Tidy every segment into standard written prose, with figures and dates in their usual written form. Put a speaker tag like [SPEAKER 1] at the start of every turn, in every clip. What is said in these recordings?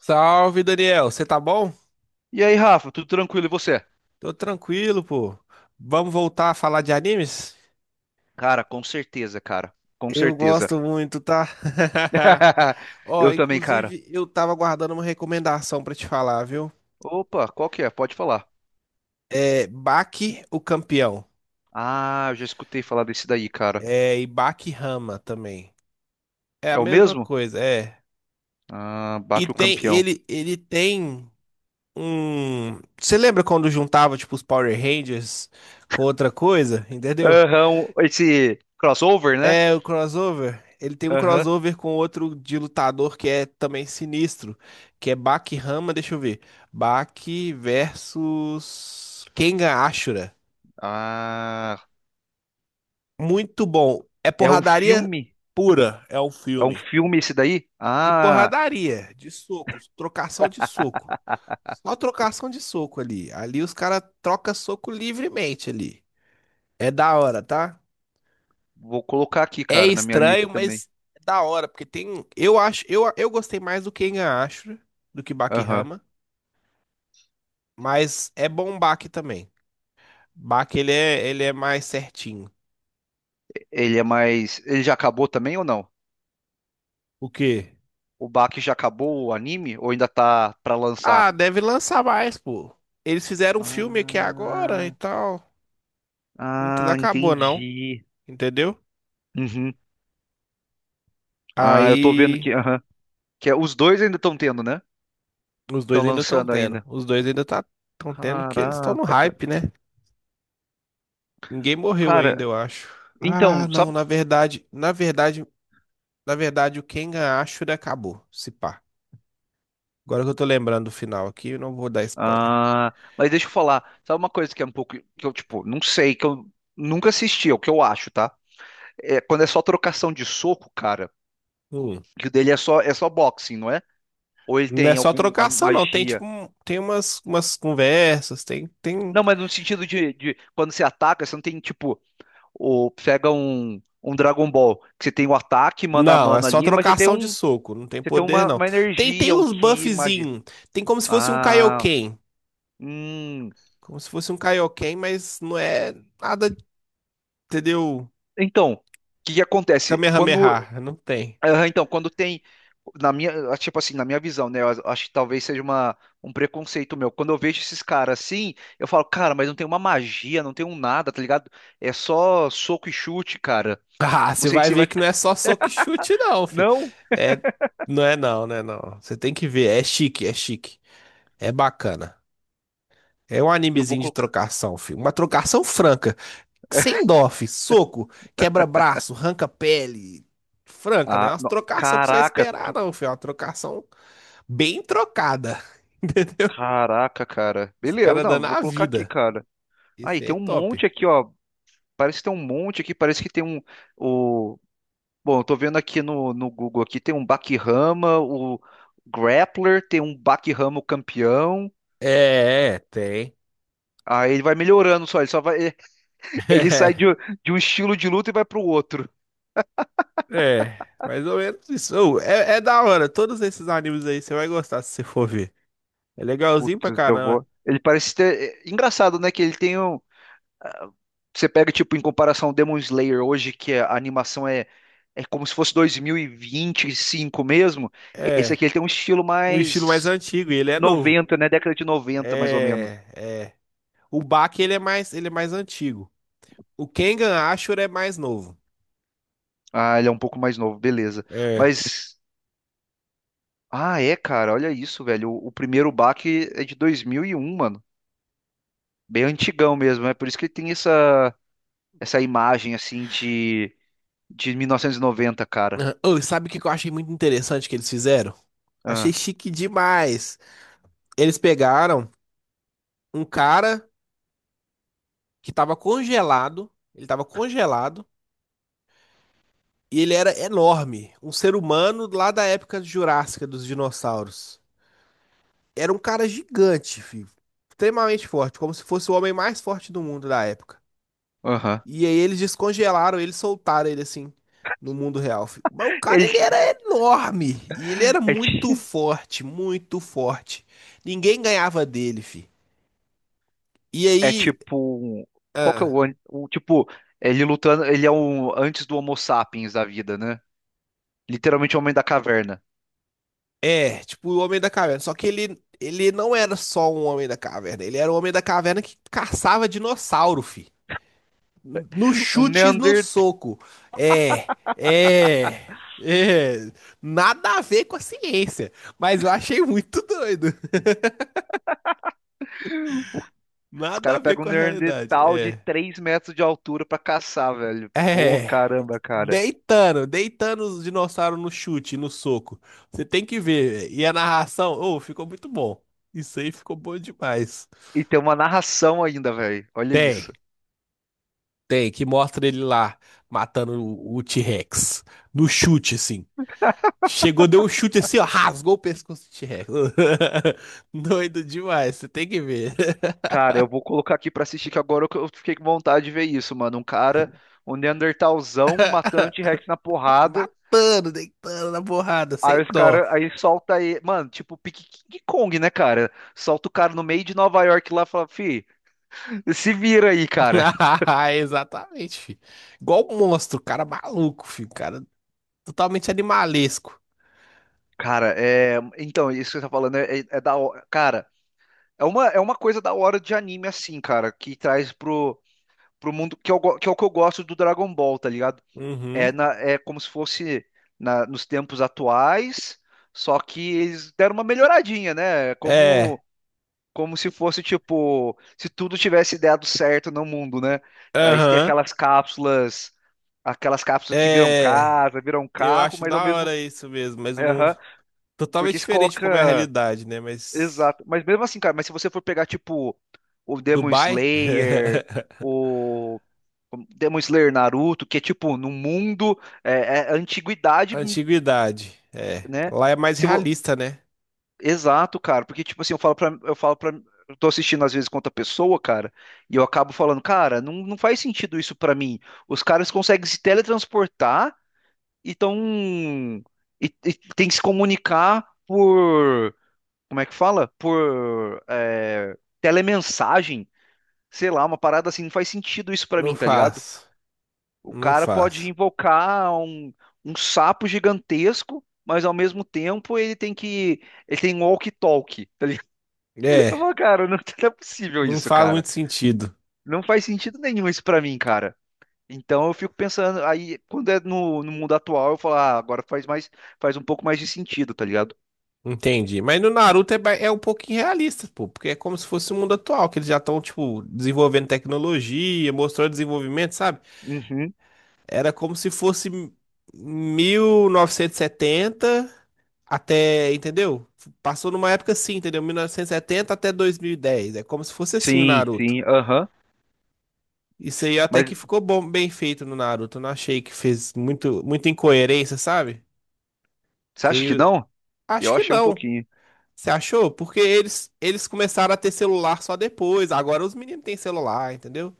[SPEAKER 1] Salve, Daniel. Você tá bom?
[SPEAKER 2] E aí, Rafa, tudo tranquilo? E você?
[SPEAKER 1] Tô tranquilo, pô. Vamos voltar a falar de animes?
[SPEAKER 2] Cara, com certeza, cara. Com
[SPEAKER 1] Eu
[SPEAKER 2] certeza.
[SPEAKER 1] gosto muito, tá? Ó,
[SPEAKER 2] Eu também, cara.
[SPEAKER 1] inclusive, eu tava guardando uma recomendação pra te falar, viu?
[SPEAKER 2] Opa, qual que é? Pode falar.
[SPEAKER 1] É Baki, o campeão.
[SPEAKER 2] Ah, eu já escutei falar desse daí, cara.
[SPEAKER 1] É, e Baki Hama também. É a
[SPEAKER 2] É o
[SPEAKER 1] mesma
[SPEAKER 2] mesmo?
[SPEAKER 1] coisa, é.
[SPEAKER 2] Ah,
[SPEAKER 1] E
[SPEAKER 2] Baque o
[SPEAKER 1] tem,
[SPEAKER 2] Campeão.
[SPEAKER 1] ele tem um Você lembra quando juntava, tipo, os Power Rangers com outra coisa, entendeu?
[SPEAKER 2] Aham, esse crossover, né?
[SPEAKER 1] É, o crossover. Ele tem um
[SPEAKER 2] Aham.
[SPEAKER 1] crossover com outro de lutador que é também sinistro, que é Baki Hama, deixa eu ver. Baki versus Kengan Ashura.
[SPEAKER 2] Ah,
[SPEAKER 1] Muito bom. É
[SPEAKER 2] é um
[SPEAKER 1] porradaria
[SPEAKER 2] filme?
[SPEAKER 1] pura, é um
[SPEAKER 2] É um
[SPEAKER 1] filme.
[SPEAKER 2] filme esse daí?
[SPEAKER 1] De
[SPEAKER 2] Ah,
[SPEAKER 1] porradaria, de socos, trocação de soco. Só trocação de soco ali. Ali os caras trocam soco livremente ali. É da hora, tá?
[SPEAKER 2] vou colocar aqui,
[SPEAKER 1] É
[SPEAKER 2] cara, na minha lista
[SPEAKER 1] estranho,
[SPEAKER 2] também.
[SPEAKER 1] mas é da hora, porque tem. Eu gostei mais do Kengan Ashura do que
[SPEAKER 2] Aham.
[SPEAKER 1] Bakihama, mas é bom o Baki também. Baki ele é mais certinho.
[SPEAKER 2] Ele é mais. Ele já acabou também ou não?
[SPEAKER 1] O quê?
[SPEAKER 2] O Baki já acabou o anime ou ainda tá pra
[SPEAKER 1] Ah,
[SPEAKER 2] lançar?
[SPEAKER 1] deve lançar mais, pô. Eles fizeram um filme aqui agora e
[SPEAKER 2] Ah,
[SPEAKER 1] tal. Não tudo
[SPEAKER 2] ah,
[SPEAKER 1] acabou, não.
[SPEAKER 2] entendi.
[SPEAKER 1] Entendeu?
[SPEAKER 2] Uhum. Ah, eu tô vendo que,
[SPEAKER 1] Aí
[SPEAKER 2] aham, os dois ainda estão tendo, né?
[SPEAKER 1] os
[SPEAKER 2] Estão
[SPEAKER 1] dois ainda estão
[SPEAKER 2] lançando
[SPEAKER 1] tendo.
[SPEAKER 2] ainda.
[SPEAKER 1] Os dois ainda tá, estão tendo que eles estão no
[SPEAKER 2] Caraca, cara.
[SPEAKER 1] hype, né? Ninguém morreu ainda,
[SPEAKER 2] Cara,
[SPEAKER 1] eu acho. Ah,
[SPEAKER 2] então,
[SPEAKER 1] não,
[SPEAKER 2] sabe?
[SPEAKER 1] na verdade, o Kengan Ashura acabou, se pá. Agora que eu tô lembrando do final aqui, eu não vou dar spoiler.
[SPEAKER 2] Ah, mas deixa eu falar. Sabe uma coisa que é um pouco que eu, tipo, não sei, que eu nunca assisti, é o que eu acho, tá? É quando é só trocação de soco, cara,
[SPEAKER 1] Hum.
[SPEAKER 2] que o dele é só boxing, não é? Ou ele
[SPEAKER 1] Não é
[SPEAKER 2] tem
[SPEAKER 1] só
[SPEAKER 2] alguma
[SPEAKER 1] trocação, não. Tem tipo,
[SPEAKER 2] magia?
[SPEAKER 1] um- tem umas conversas, tem.
[SPEAKER 2] Não, mas no sentido de quando você ataca, você não tem, tipo, o pega um Dragon Ball, que você tem o ataque mano a
[SPEAKER 1] Não, é
[SPEAKER 2] mano
[SPEAKER 1] só
[SPEAKER 2] ali, mas
[SPEAKER 1] trocação de soco, não tem
[SPEAKER 2] você tem
[SPEAKER 1] poder,
[SPEAKER 2] uma,
[SPEAKER 1] não.
[SPEAKER 2] uma
[SPEAKER 1] Tem,
[SPEAKER 2] energia,
[SPEAKER 1] tem
[SPEAKER 2] um
[SPEAKER 1] uns
[SPEAKER 2] ki, magia.
[SPEAKER 1] buffzinhos, tem como se fosse um
[SPEAKER 2] Ah,
[SPEAKER 1] Kaioken.
[SPEAKER 2] hum.
[SPEAKER 1] Como se fosse um Kaioken, mas não é nada, entendeu?
[SPEAKER 2] Então, o que que acontece?
[SPEAKER 1] Kamehameha, não tem.
[SPEAKER 2] Então, quando tem na tipo assim, na minha visão, né? Eu acho que talvez seja um preconceito meu. Quando eu vejo esses caras assim, eu falo, cara, mas não tem uma magia, não tem um nada, tá ligado? É só soco e chute, cara.
[SPEAKER 1] Ah,
[SPEAKER 2] Não
[SPEAKER 1] você
[SPEAKER 2] sei
[SPEAKER 1] vai
[SPEAKER 2] se
[SPEAKER 1] ver
[SPEAKER 2] vai
[SPEAKER 1] que não
[SPEAKER 2] ficar.
[SPEAKER 1] é só soco e chute, não, fi.
[SPEAKER 2] Não,
[SPEAKER 1] É, não é não, né? Não. Você tem que ver, é chique. É bacana. É um
[SPEAKER 2] eu vou
[SPEAKER 1] animezinho de
[SPEAKER 2] colocar.
[SPEAKER 1] trocação, filho. Uma trocação franca. Sem dó, fi. Soco, quebra-braço, arranca pele. Franca, né?
[SPEAKER 2] Ah,
[SPEAKER 1] Umas
[SPEAKER 2] não.
[SPEAKER 1] trocação que você vai
[SPEAKER 2] Caraca,
[SPEAKER 1] esperar, não, filho. É uma trocação bem trocada. Entendeu?
[SPEAKER 2] caraca, cara.
[SPEAKER 1] Os
[SPEAKER 2] Beleza,
[SPEAKER 1] caras dando
[SPEAKER 2] não, vou
[SPEAKER 1] a
[SPEAKER 2] colocar aqui,
[SPEAKER 1] vida.
[SPEAKER 2] cara. Aí,
[SPEAKER 1] Esse é
[SPEAKER 2] tem um monte
[SPEAKER 1] top.
[SPEAKER 2] aqui, ó. Parece que tem um monte aqui, parece que tem um. O... Bom, eu tô vendo aqui no Google aqui, tem um Bakihama, o Grappler, tem um Bakihama o campeão.
[SPEAKER 1] Tem.
[SPEAKER 2] Aí ele vai melhorando só, ele só vai. Ele sai de, de um estilo de luta e vai pro outro.
[SPEAKER 1] Mais ou menos isso. Ô, é da hora. Todos esses animes aí você vai gostar se você for ver. É legalzinho pra
[SPEAKER 2] Putz, eu
[SPEAKER 1] caramba.
[SPEAKER 2] vou. Ele parece ter. É engraçado, né? Que ele tem um. Você pega, tipo, em comparação Demon Slayer hoje, que a animação é como se fosse 2025 mesmo. Esse
[SPEAKER 1] É,
[SPEAKER 2] aqui ele tem um estilo
[SPEAKER 1] um estilo mais
[SPEAKER 2] mais
[SPEAKER 1] antigo e ele é novo.
[SPEAKER 2] 90, né? Década de 90, mais ou menos.
[SPEAKER 1] É, é. O Bach, ele é mais antigo. O Kengan Ashur é mais novo.
[SPEAKER 2] Ah, ele é um pouco mais novo, beleza.
[SPEAKER 1] É.
[SPEAKER 2] Mas, é, cara, olha isso, velho. O primeiro baque é de 2001, mano. Bem antigão mesmo, é por isso que ele tem essa imagem, assim, de 1990, cara.
[SPEAKER 1] Ah, ô, sabe o que que eu achei muito interessante que eles fizeram? Achei
[SPEAKER 2] Ah,
[SPEAKER 1] chique demais. Eles pegaram um cara que tava congelado, ele tava congelado e ele era enorme, um ser humano lá da época jurássica dos dinossauros. Era um cara gigante, filho. Extremamente forte, como se fosse o homem mais forte do mundo da época.
[SPEAKER 2] aham.
[SPEAKER 1] E aí eles descongelaram ele, soltaram ele assim no mundo real, fi. Mas o cara
[SPEAKER 2] Ele,
[SPEAKER 1] ele era enorme e ele era muito forte, muito forte. Ninguém ganhava dele, fi. E
[SPEAKER 2] é
[SPEAKER 1] aí,
[SPEAKER 2] tipo. Qual que é
[SPEAKER 1] ah,
[SPEAKER 2] o. Tipo, ele lutando. Ele é o antes do Homo sapiens da vida, né? Literalmente o homem da caverna.
[SPEAKER 1] é, tipo o Homem da Caverna, só que ele não era só um Homem da Caverna, ele era o Homem da Caverna que caçava dinossauro, fi. No
[SPEAKER 2] Um
[SPEAKER 1] chute, e no
[SPEAKER 2] Neandertal.
[SPEAKER 1] soco. É, é, é. Nada a ver com a ciência, mas eu achei muito doido.
[SPEAKER 2] Os
[SPEAKER 1] Nada a
[SPEAKER 2] caras
[SPEAKER 1] ver
[SPEAKER 2] pegam um
[SPEAKER 1] com a realidade.
[SPEAKER 2] Neandertal de
[SPEAKER 1] É.
[SPEAKER 2] 3 metros de altura pra caçar, velho. Pô,
[SPEAKER 1] É.
[SPEAKER 2] caramba, cara.
[SPEAKER 1] Deitando, deitando os dinossauros no chute, no soco. Você tem que ver. E a narração, oh, ficou muito bom. Isso aí ficou bom demais.
[SPEAKER 2] E tem uma narração ainda, velho. Olha
[SPEAKER 1] Tem,
[SPEAKER 2] isso.
[SPEAKER 1] tem, que mostra ele lá matando o T-Rex. No chute, assim. Chegou, deu um chute assim, ó, rasgou o pescoço do T-Rex. Doido demais, você tem que ver.
[SPEAKER 2] Cara, eu vou colocar aqui pra assistir, que agora eu fiquei com vontade de ver isso, mano. Um cara, um Neandertalzão matando o T-Rex na porrada.
[SPEAKER 1] Matando, deitando na porrada,
[SPEAKER 2] Aí
[SPEAKER 1] sem
[SPEAKER 2] os
[SPEAKER 1] dó.
[SPEAKER 2] caras, aí solta aí, mano, tipo pique King Kong, né, cara? Solta o cara no meio de Nova York lá e fala, fi, se vira aí, cara.
[SPEAKER 1] Ah, exatamente, filho. Igual um monstro, cara maluco, filho. Cara totalmente animalesco.
[SPEAKER 2] Cara, é. Então, isso que você tá falando é, é da hora. Cara, é uma coisa da hora de anime, assim, cara, que traz pro mundo, que é o que eu gosto do Dragon Ball, tá ligado? É,
[SPEAKER 1] Uhum.
[SPEAKER 2] é como se fosse nos tempos atuais, só que eles deram uma melhoradinha, né? É
[SPEAKER 1] É.
[SPEAKER 2] Como como se fosse tipo, se tudo tivesse dado certo no mundo, né? Aí você tem
[SPEAKER 1] Aham.
[SPEAKER 2] aquelas cápsulas que viram
[SPEAKER 1] É.
[SPEAKER 2] casa, viram
[SPEAKER 1] Eu
[SPEAKER 2] carro,
[SPEAKER 1] acho
[SPEAKER 2] mas ao
[SPEAKER 1] da
[SPEAKER 2] mesmo,
[SPEAKER 1] hora isso mesmo, mas o mundo
[SPEAKER 2] aham,
[SPEAKER 1] totalmente
[SPEAKER 2] porque se
[SPEAKER 1] diferente de como é a
[SPEAKER 2] coloca,
[SPEAKER 1] realidade, né? Mas
[SPEAKER 2] exato. Mas mesmo assim, cara, mas se você for pegar tipo o Demon
[SPEAKER 1] Dubai,
[SPEAKER 2] Slayer, o Demon Slayer Naruto, que é tipo no mundo é, é, antiguidade,
[SPEAKER 1] antiguidade, é.
[SPEAKER 2] né?
[SPEAKER 1] Lá é mais
[SPEAKER 2] Se, vo-
[SPEAKER 1] realista, né?
[SPEAKER 2] Exato, cara, porque tipo assim, eu tô assistindo às vezes com outra pessoa, cara, e eu acabo falando, cara, não faz sentido isso pra mim. Os caras conseguem se teletransportar e tão, e tem que se comunicar por, como é que fala? Por telemensagem, sei lá, uma parada assim, não faz sentido isso pra
[SPEAKER 1] Não
[SPEAKER 2] mim, tá ligado?
[SPEAKER 1] faz,
[SPEAKER 2] O
[SPEAKER 1] não
[SPEAKER 2] cara pode
[SPEAKER 1] faz.
[SPEAKER 2] invocar um sapo gigantesco, mas ao mesmo tempo ele tem um walkie-talkie, tá, eu
[SPEAKER 1] É,
[SPEAKER 2] vou, cara, não, não é possível
[SPEAKER 1] não
[SPEAKER 2] isso,
[SPEAKER 1] faz
[SPEAKER 2] cara.
[SPEAKER 1] muito sentido.
[SPEAKER 2] Não faz sentido nenhum isso pra mim, cara. Então eu fico pensando, aí quando é no mundo atual, eu falo, ah, agora faz um pouco mais de sentido, tá ligado?
[SPEAKER 1] Entendi. Mas no Naruto é, ba- é um pouquinho realista, pô, porque é como se fosse o mundo atual, que eles já estão, tipo, desenvolvendo tecnologia, mostrando desenvolvimento, sabe?
[SPEAKER 2] Uhum.
[SPEAKER 1] Era como se fosse 1970 até, entendeu? Passou numa época assim, entendeu? 1970 até 2010. É como se fosse assim o
[SPEAKER 2] Sim,
[SPEAKER 1] Naruto.
[SPEAKER 2] sim, aham.
[SPEAKER 1] Isso aí até que
[SPEAKER 2] Mas
[SPEAKER 1] ficou bom, bem feito no Naruto. Eu não achei que fez muito, muita incoerência, sabe?
[SPEAKER 2] você
[SPEAKER 1] Que aí
[SPEAKER 2] acha que
[SPEAKER 1] eu-
[SPEAKER 2] não?
[SPEAKER 1] acho
[SPEAKER 2] Eu
[SPEAKER 1] que
[SPEAKER 2] achei um
[SPEAKER 1] não.
[SPEAKER 2] pouquinho.
[SPEAKER 1] Você achou? Porque eles começaram a ter celular só depois. Agora os meninos têm celular, entendeu?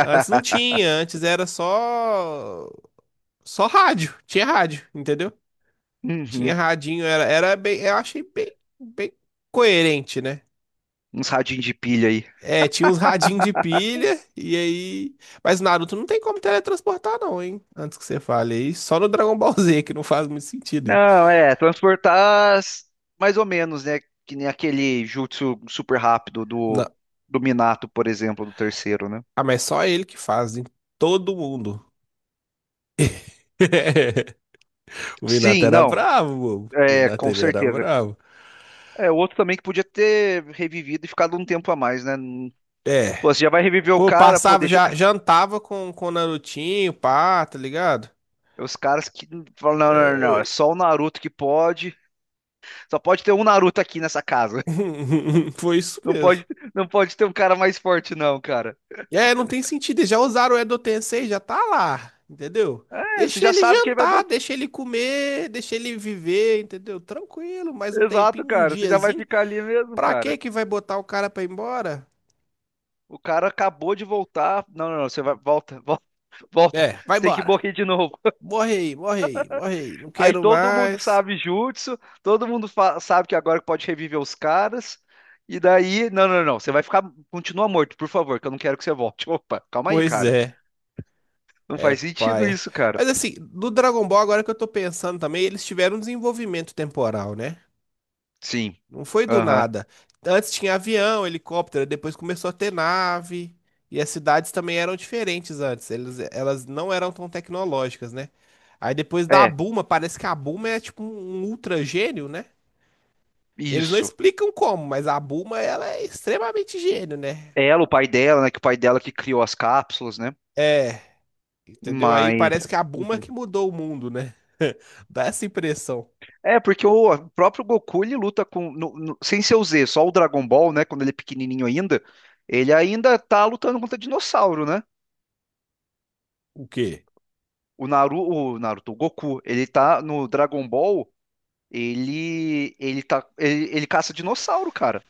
[SPEAKER 1] Antes não tinha, antes era só só rádio. Tinha rádio, entendeu?
[SPEAKER 2] Uhum.
[SPEAKER 1] Tinha radinho, era bem, eu achei bem, bem coerente, né?
[SPEAKER 2] Uns radinhos de pilha aí.
[SPEAKER 1] É, tinha uns radinhos de pilha e aí, mas Naruto não tem como teletransportar não, hein? Antes que você fale aí, só no Dragon Ball Z que não faz muito sentido isso.
[SPEAKER 2] Não, é, mais ou menos, né? Que nem aquele jutsu super rápido do,
[SPEAKER 1] Não.
[SPEAKER 2] do Minato, por exemplo, do terceiro, né?
[SPEAKER 1] Ah, mas só ele que faz, em todo mundo. O Minato
[SPEAKER 2] Sim,
[SPEAKER 1] era
[SPEAKER 2] não,
[SPEAKER 1] bravo, bobo. O
[SPEAKER 2] é,
[SPEAKER 1] Minato,
[SPEAKER 2] com
[SPEAKER 1] ele era
[SPEAKER 2] certeza.
[SPEAKER 1] bravo.
[SPEAKER 2] É, o outro também que podia ter revivido e ficado um tempo a mais, né?
[SPEAKER 1] É.
[SPEAKER 2] Pô, você já vai reviver o
[SPEAKER 1] Pô,
[SPEAKER 2] cara, pô,
[SPEAKER 1] passava,
[SPEAKER 2] deixa o
[SPEAKER 1] já
[SPEAKER 2] cara.
[SPEAKER 1] jantava com o Narutinho, pá, tá ligado?
[SPEAKER 2] Os caras que falam, não, não, não,
[SPEAKER 1] É,
[SPEAKER 2] não,
[SPEAKER 1] eu-
[SPEAKER 2] é só o Naruto que pode. Só pode ter um Naruto aqui nessa casa.
[SPEAKER 1] foi isso
[SPEAKER 2] Não
[SPEAKER 1] mesmo.
[SPEAKER 2] pode, não pode ter um cara mais forte, não, cara.
[SPEAKER 1] É, não tem sentido. Eles já usaram o Edo Tensei, já tá lá, entendeu?
[SPEAKER 2] É, você
[SPEAKER 1] Deixa
[SPEAKER 2] já
[SPEAKER 1] ele
[SPEAKER 2] sabe que ele vai
[SPEAKER 1] jantar,
[SPEAKER 2] voltar.
[SPEAKER 1] deixa ele comer, deixa ele viver, entendeu? Tranquilo, mais um
[SPEAKER 2] Exato,
[SPEAKER 1] tempinho, um
[SPEAKER 2] cara. Você já vai
[SPEAKER 1] diazinho.
[SPEAKER 2] ficar ali mesmo,
[SPEAKER 1] Pra que
[SPEAKER 2] cara.
[SPEAKER 1] que vai botar o cara pra ir embora?
[SPEAKER 2] O cara acabou de voltar. Não, não, não, você vai, volta, volta, volta.
[SPEAKER 1] É, vai
[SPEAKER 2] Você tem que
[SPEAKER 1] embora.
[SPEAKER 2] morrer de novo.
[SPEAKER 1] Morre aí, morre aí, morre aí. Não
[SPEAKER 2] Aí
[SPEAKER 1] quero
[SPEAKER 2] todo mundo
[SPEAKER 1] mais.
[SPEAKER 2] sabe jutsu, todo mundo sabe que agora pode reviver os caras. E daí, não, não, não, você vai ficar, continua morto, por favor, que eu não quero que você volte. Opa, calma aí,
[SPEAKER 1] Pois
[SPEAKER 2] cara.
[SPEAKER 1] é.
[SPEAKER 2] Não
[SPEAKER 1] É
[SPEAKER 2] faz sentido
[SPEAKER 1] paia.
[SPEAKER 2] isso, cara.
[SPEAKER 1] Mas assim, do Dragon Ball, agora que eu tô pensando também, eles tiveram um desenvolvimento temporal, né?
[SPEAKER 2] Sim.
[SPEAKER 1] Não foi do
[SPEAKER 2] Aham.
[SPEAKER 1] nada. Antes tinha avião, helicóptero, depois começou a ter nave. E as cidades também eram diferentes antes. Eles, elas não eram tão tecnológicas, né? Aí depois da
[SPEAKER 2] É,
[SPEAKER 1] Bulma, parece que a Bulma é tipo um ultra gênio, né? Eles não
[SPEAKER 2] isso.
[SPEAKER 1] explicam como, mas a Bulma, ela é extremamente gênio, né?
[SPEAKER 2] Ela, o pai dela, né, que o pai dela que criou as cápsulas, né?
[SPEAKER 1] É, entendeu? Aí
[SPEAKER 2] Mas
[SPEAKER 1] parece que a Bulma
[SPEAKER 2] Uhum.
[SPEAKER 1] que mudou o mundo, né? Dá essa impressão.
[SPEAKER 2] É, porque o próprio Goku ele luta com sem ser o Z, só o Dragon Ball, né, quando ele é pequenininho ainda, ele ainda tá lutando contra dinossauro, né?
[SPEAKER 1] O quê?
[SPEAKER 2] O o Naruto, o Goku, ele tá no Dragon Ball, ele caça dinossauro, cara.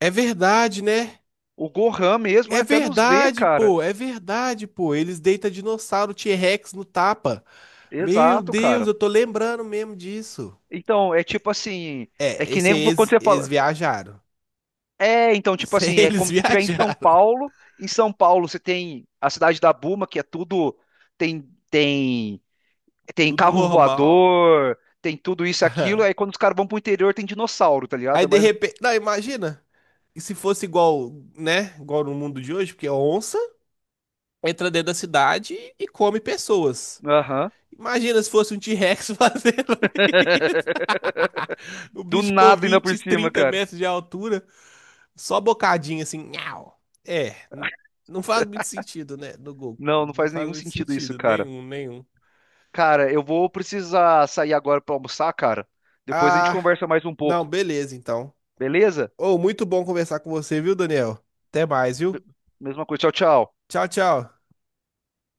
[SPEAKER 1] É verdade, né?
[SPEAKER 2] O Gohan mesmo é
[SPEAKER 1] É
[SPEAKER 2] até no Z,
[SPEAKER 1] verdade,
[SPEAKER 2] cara.
[SPEAKER 1] pô. É verdade, pô. Eles deitam dinossauro T-Rex no tapa. Meu
[SPEAKER 2] Exato,
[SPEAKER 1] Deus,
[SPEAKER 2] cara.
[SPEAKER 1] eu tô lembrando mesmo disso.
[SPEAKER 2] Então, é tipo assim, é
[SPEAKER 1] É,
[SPEAKER 2] que
[SPEAKER 1] esse aí
[SPEAKER 2] nem quando
[SPEAKER 1] eles,
[SPEAKER 2] você
[SPEAKER 1] eles
[SPEAKER 2] fala,
[SPEAKER 1] viajaram.
[SPEAKER 2] é, então tipo
[SPEAKER 1] Isso aí
[SPEAKER 2] assim, é
[SPEAKER 1] eles
[SPEAKER 2] como se estiver em São
[SPEAKER 1] viajaram.
[SPEAKER 2] Paulo. Em São Paulo você tem a cidade da Buma, que é tudo tem tem tem
[SPEAKER 1] Tudo
[SPEAKER 2] carro
[SPEAKER 1] normal.
[SPEAKER 2] voador, tem tudo isso e aquilo.
[SPEAKER 1] Aham.
[SPEAKER 2] Aí quando os caras vão pro interior tem dinossauro, tá
[SPEAKER 1] Aí
[SPEAKER 2] ligado?
[SPEAKER 1] de
[SPEAKER 2] Mas
[SPEAKER 1] repente. Não, imagina. E se fosse igual, né? Igual no mundo de hoje, porque a onça entra dentro da cidade e come pessoas.
[SPEAKER 2] aham.
[SPEAKER 1] Imagina se fosse um T-Rex fazendo isso? O
[SPEAKER 2] Do
[SPEAKER 1] bicho com
[SPEAKER 2] nada ainda por
[SPEAKER 1] 20,
[SPEAKER 2] cima,
[SPEAKER 1] 30
[SPEAKER 2] cara.
[SPEAKER 1] metros de altura, só bocadinho assim. Nhau. É, n- não faz muito sentido, né? No gol.
[SPEAKER 2] Não
[SPEAKER 1] Não
[SPEAKER 2] faz
[SPEAKER 1] faz
[SPEAKER 2] nenhum
[SPEAKER 1] muito
[SPEAKER 2] sentido isso,
[SPEAKER 1] sentido.
[SPEAKER 2] cara.
[SPEAKER 1] Nenhum, nenhum.
[SPEAKER 2] Cara, eu vou precisar sair agora pra almoçar, cara. Depois a gente
[SPEAKER 1] Ah,
[SPEAKER 2] conversa mais um
[SPEAKER 1] não,
[SPEAKER 2] pouco.
[SPEAKER 1] beleza então.
[SPEAKER 2] Beleza?
[SPEAKER 1] Ô, muito bom conversar com você, viu, Daniel? Até mais, viu?
[SPEAKER 2] Mesma coisa. Tchau, tchau.
[SPEAKER 1] Tchau, tchau.